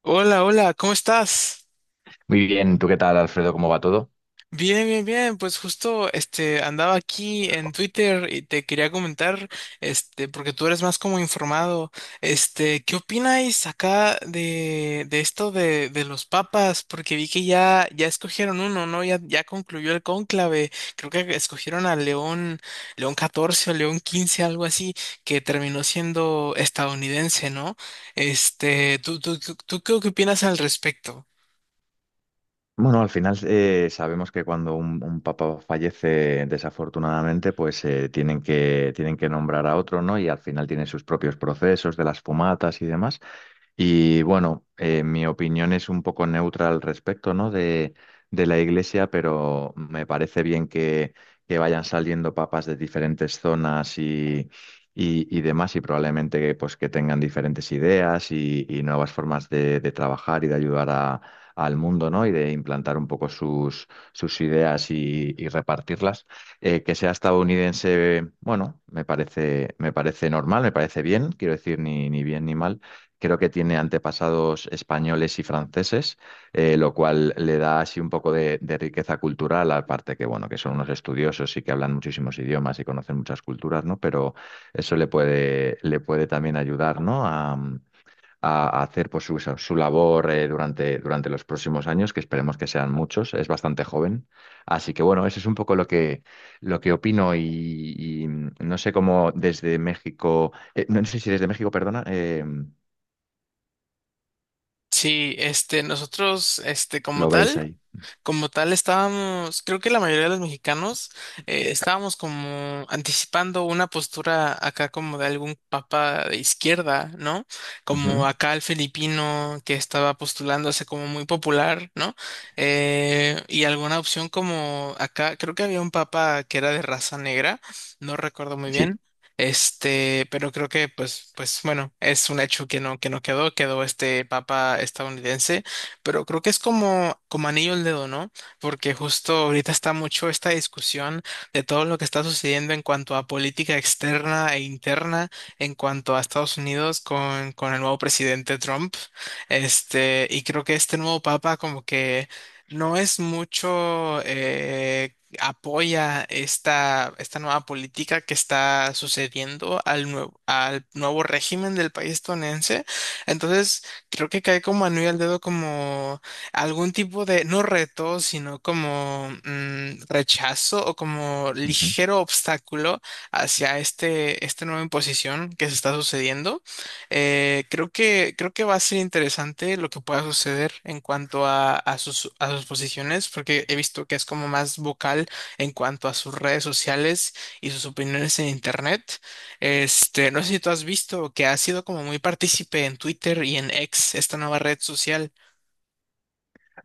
Hola, hola, ¿cómo estás? Muy bien, ¿tú qué tal, Alfredo? ¿Cómo va todo? Bien, bien, bien. Pues justo este andaba aquí en Twitter y te quería comentar, este, porque tú eres más como informado. Este, ¿qué opináis acá de esto de los papas? Porque vi que ya, ya escogieron uno, ¿no? Ya, ya concluyó el cónclave. Creo que escogieron a León, León XIV o León XV, algo así, que terminó siendo estadounidense, ¿no? Este, ¿tú qué opinas al respecto? Bueno, al final sabemos que cuando un papa fallece desafortunadamente, pues tienen que nombrar a otro, ¿no? Y al final tiene sus propios procesos de las fumatas y demás. Y bueno, mi opinión es un poco neutra al respecto, ¿no? De la Iglesia, pero me parece bien que vayan saliendo papas de diferentes zonas y demás, y probablemente pues, que tengan diferentes ideas y nuevas formas de trabajar y de ayudar al mundo, ¿no? Y de implantar un poco sus, sus ideas y repartirlas. Que sea estadounidense, bueno, me parece normal, me parece bien, quiero decir, ni bien ni mal. Creo que tiene antepasados españoles y franceses, lo cual le da así un poco de riqueza cultural, aparte que, bueno, que son unos estudiosos y que hablan muchísimos idiomas y conocen muchas culturas, ¿no? Pero eso le puede también ayudar, ¿no? A hacer pues, su labor durante los próximos años, que esperemos que sean muchos, es bastante joven. Así que bueno, eso es un poco lo que opino no sé cómo desde México, no sé si desde México, perdona, Sí, este, nosotros, este, como lo veis tal. ahí. Como tal, estábamos, creo que la mayoría de los mexicanos estábamos como anticipando una postura acá como de algún papa de izquierda, ¿no? Ujú. Como acá el filipino que estaba postulándose como muy popular, ¿no? Y alguna opción como acá, creo que había un papa que era de raza negra, no recuerdo muy Sí. bien. Este, pero creo que pues bueno, es un hecho que no quedó, quedó este papa estadounidense pero creo que es como, como anillo al dedo, ¿no? Porque justo ahorita está mucho esta discusión de todo lo que está sucediendo en cuanto a política externa e interna, en cuanto a Estados Unidos con el nuevo presidente Trump. Este, y creo que este nuevo papa como que no es mucho... apoya esta nueva política que está sucediendo al nuevo régimen del país estadounidense. Entonces, creo que cae como anillo al dedo como algún tipo de, no reto, sino como rechazo o como Ujú. ligero obstáculo hacia este, esta nueva imposición que se está sucediendo. Creo que va a ser interesante lo que pueda suceder en cuanto a, a sus posiciones, porque he visto que es como más vocal en cuanto a sus redes sociales y sus opiniones en internet. Este, no sé si tú has visto que ha sido como muy partícipe en Twitter y en X, esta nueva red social.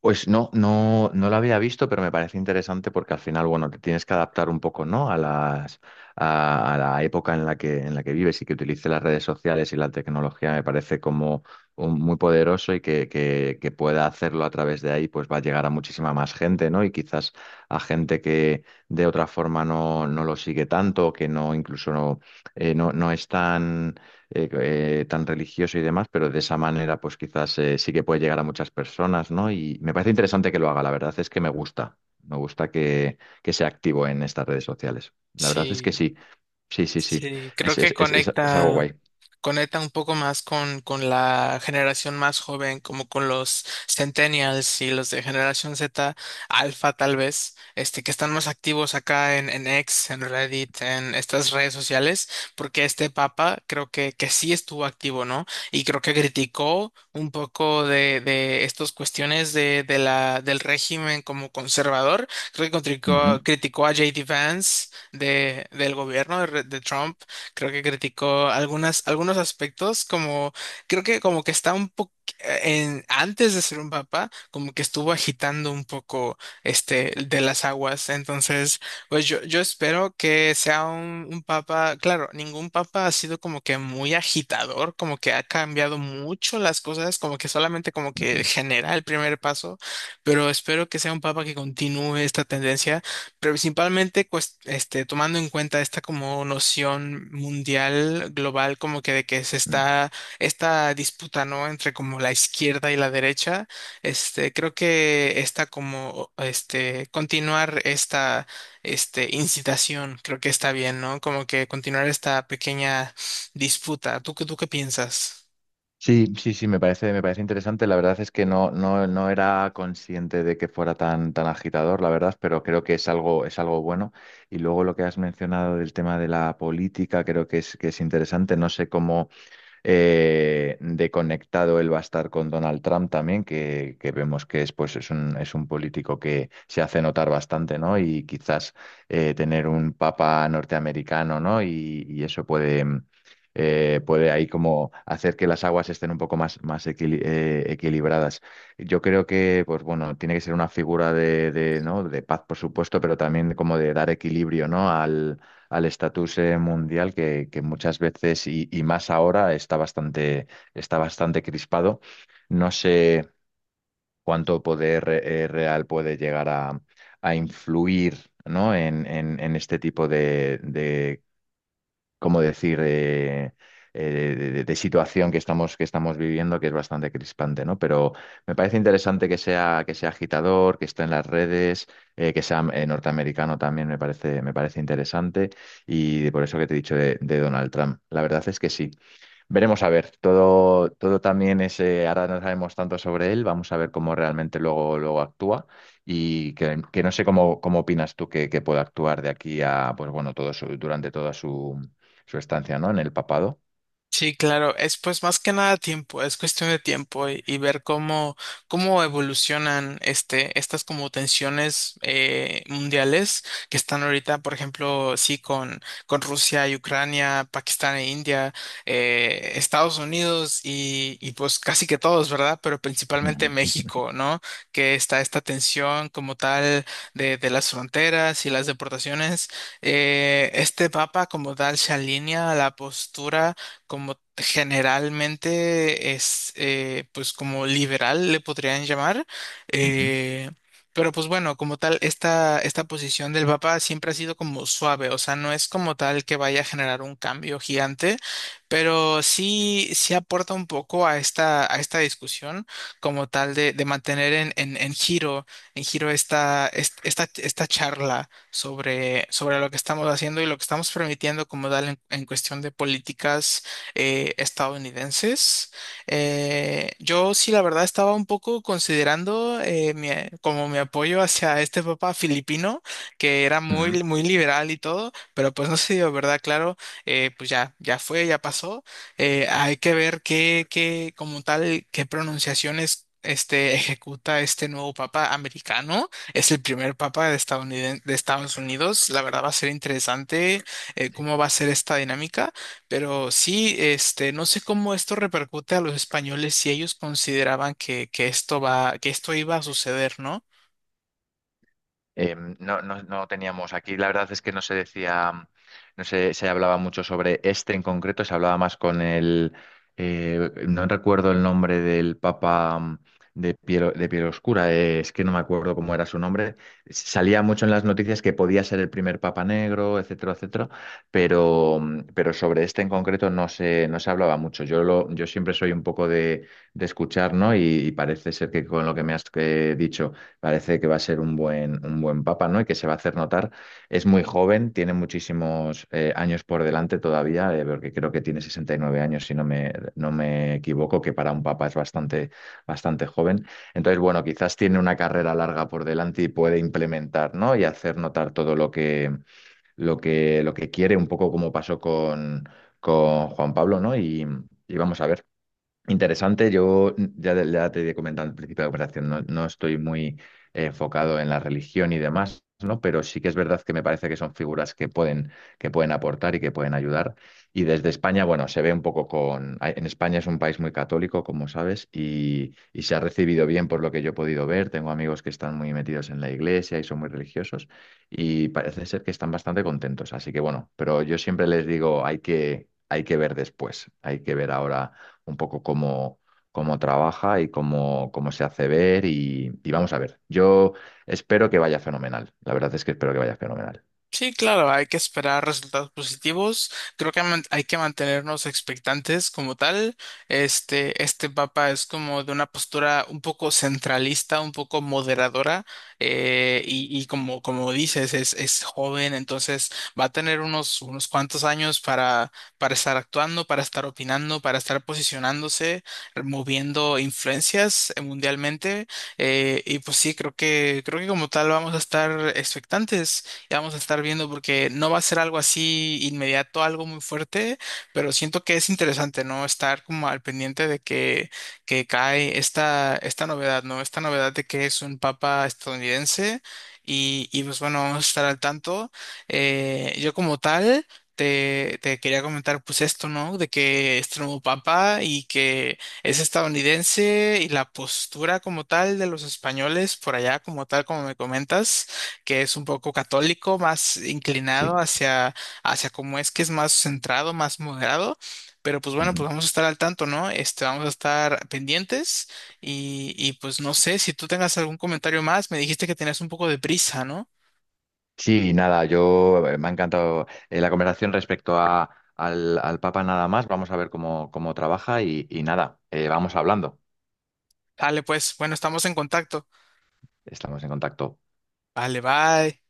Pues no, no, no lo había visto, pero me parece interesante porque al final, bueno, te tienes que adaptar un poco, ¿no? A la época en la en la que vives y que utilice las redes sociales y la tecnología me parece como muy poderoso y que pueda hacerlo a través de ahí, pues va a llegar a muchísima más gente, ¿no? Y quizás a gente que de otra forma no, no lo sigue tanto, que no, incluso no, no, no es tan eh, tan religioso y demás, pero de esa manera pues quizás sí que puede llegar a muchas personas, ¿no? Y me parece interesante que lo haga, la verdad es que me gusta que sea activo en estas redes sociales. La verdad es que Sí, sí, sí, sí, sí, sí, creo que es algo conecta. guay. Conecta un poco más con la generación más joven, como con los centennials y los de generación Z, alfa tal vez, este, que están más activos acá en, X, en Reddit, en estas redes sociales, porque este papa creo que sí estuvo activo, ¿no? Y creo que criticó un poco de estas cuestiones de la, del régimen como conservador. Creo que Ujú, criticó a JD Vance de, del gobierno de Trump. Creo que criticó algunas, algunos aspectos, como creo que como que está un poco antes de ser un papa, como que estuvo agitando un poco este de las aguas. Entonces, pues yo espero que sea un papa, claro, ningún papa ha sido como que muy agitador, como que ha cambiado mucho las cosas, como que solamente como que ujú, genera el primer paso, pero espero que sea un papa que continúe esta tendencia pero principalmente este, tomando en cuenta esta como noción mundial, global, como que de que se mm. está esta disputa, ¿no? Entre como la izquierda y la derecha, este, creo que está como, este, continuar esta, este, incitación, creo que está bien, ¿no? Como que continuar esta pequeña disputa. ¿Tú qué piensas? Sí, sí, sí, me parece interesante. La verdad es que no, no, no era consciente de que fuera tan, tan agitador, la verdad, pero creo que es algo bueno. Y luego lo que has mencionado del tema de la política, creo que es interesante. No sé cómo de conectado él va a estar con Donald Trump también, que vemos que es, pues, es es un político que se hace notar bastante, ¿no? Y quizás tener un papa norteamericano, ¿no? Y eso puede, puede ahí como hacer que las aguas estén un poco más, equilibradas. Yo creo que, pues bueno, tiene que ser una figura de, ¿no? de paz, por supuesto, pero también como de dar equilibrio, ¿no? al estatus mundial que muchas veces y más ahora está bastante crispado. No sé cuánto poder real puede llegar a influir, ¿no? En este tipo de, cómo decir, de situación que estamos viviendo, que es bastante crispante, ¿no? Pero me parece interesante que sea agitador, que esté en las redes, que sea norteamericano también me parece interesante. Y por eso que te he dicho de Donald Trump. La verdad es que sí. Veremos a ver, todo, todo también es, ahora no sabemos tanto sobre él, vamos a ver cómo realmente luego, luego actúa que no sé cómo, cómo opinas tú que pueda actuar de aquí a, pues bueno, todo su, durante toda su, su estancia, ¿no? En el papado. Sí, claro, es pues más que nada tiempo, es cuestión de tiempo y, ver cómo evolucionan este, estas como tensiones mundiales que están ahorita, por ejemplo, sí, con, Rusia y Ucrania, Pakistán e India, Estados Unidos y pues casi que todos, ¿verdad? Pero principalmente Ujú, México, ¿no? Que está esta tensión como tal de las fronteras y las deportaciones. Este papa como tal se alinea a la postura como generalmente es, pues como liberal le podrían llamar. ujú, eh, pero pues bueno, como tal, esta posición del Papa siempre ha sido como suave, o sea, no es como tal que vaya a generar un cambio gigante, pero sí, sí aporta un poco a esta, discusión como tal de mantener en giro, en giro esta charla sobre, lo que estamos haciendo y lo que estamos permitiendo como tal en cuestión de políticas estadounidenses. Yo sí, la verdad, estaba un poco considerando como mi apoyo hacia este Papa filipino, que era ujú. muy, muy liberal y todo, pero pues no se dio, ¿verdad? Claro, pues ya, ya fue, ya pasó. Hay que ver qué, como tal, qué pronunciaciones. Este ejecuta este nuevo papa americano, es el primer papa de Estados Unidos. La verdad va a ser interesante cómo va a ser esta dinámica. Pero sí, este, no sé cómo esto repercute a los españoles si ellos consideraban que, esto va, que esto iba a suceder, ¿no? No, no, no teníamos aquí, la verdad es que no se decía, no se, se hablaba mucho sobre este en concreto, se hablaba más con el, no recuerdo el nombre del papa de piel oscura, es que no me acuerdo cómo era su nombre, salía mucho en las noticias que podía ser el primer papa negro, etcétera, etcétera, pero, pero sobre este en concreto no se hablaba mucho. Yo siempre soy un poco de escuchar, ¿no? Y parece ser que con lo que me has dicho parece que va a ser un buen papa, ¿no? Y que se va a hacer notar. Es muy joven, tiene muchísimos años por delante todavía, porque creo que tiene 69 años, si no me, no me equivoco, que para un papa es bastante, bastante joven. Entonces, bueno, quizás tiene una carrera larga por delante y puede implementar, ¿no? Y hacer notar todo lo que, lo que, lo que quiere, un poco como pasó con Juan Pablo, ¿no? Y vamos a ver. Interesante, yo ya te he comentado al principio de la conversación, no, no estoy muy enfocado en la religión y demás, ¿no? Pero sí que es verdad que me parece que son figuras que pueden aportar y que pueden ayudar. Y desde España, bueno, se ve un poco con... En España es un país muy católico, como sabes, y se ha recibido bien por lo que yo he podido ver. Tengo amigos que están muy metidos en la iglesia y son muy religiosos y parece ser que están bastante contentos. Así que bueno, pero yo siempre les digo, hay que ver después, hay que ver ahora un poco cómo, cómo trabaja y cómo, cómo se hace ver y vamos a ver. Yo espero que vaya fenomenal. La verdad es que espero que vaya fenomenal. Sí, claro, hay que esperar resultados positivos. Creo que hay que mantenernos expectantes como tal. Este papa es como de una postura un poco centralista, un poco moderadora, y, como dices, es joven, entonces va a tener unos cuantos años para estar actuando, para estar opinando, para estar posicionándose, moviendo influencias mundialmente. Y pues sí, creo que como tal vamos a estar expectantes. Ya vamos a estar viendo porque no va a ser algo así inmediato, algo muy fuerte, pero siento que es interesante, ¿no? Estar como al pendiente de que, cae esta novedad, ¿no? Esta novedad de que es un papa estadounidense y pues bueno, vamos a estar al tanto. Yo como tal... Te quería comentar pues esto, ¿no? De que este nuevo papa y que es estadounidense y la postura como tal de los españoles por allá, como tal, como me comentas que es un poco católico, más Sí. inclinado hacia, cómo es que es más centrado, más moderado. Pero pues bueno, pues Ujú. vamos a estar al tanto, ¿no? Este, vamos a estar pendientes y pues no sé si tú tengas algún comentario más. Me dijiste que tenías un poco de prisa, ¿no? Sí, nada, yo me ha encantado la conversación respecto a, al Papa nada más. Vamos a ver cómo, cómo trabaja y nada, vamos hablando. Dale, pues, bueno, estamos en contacto. Estamos en contacto. Vale, bye.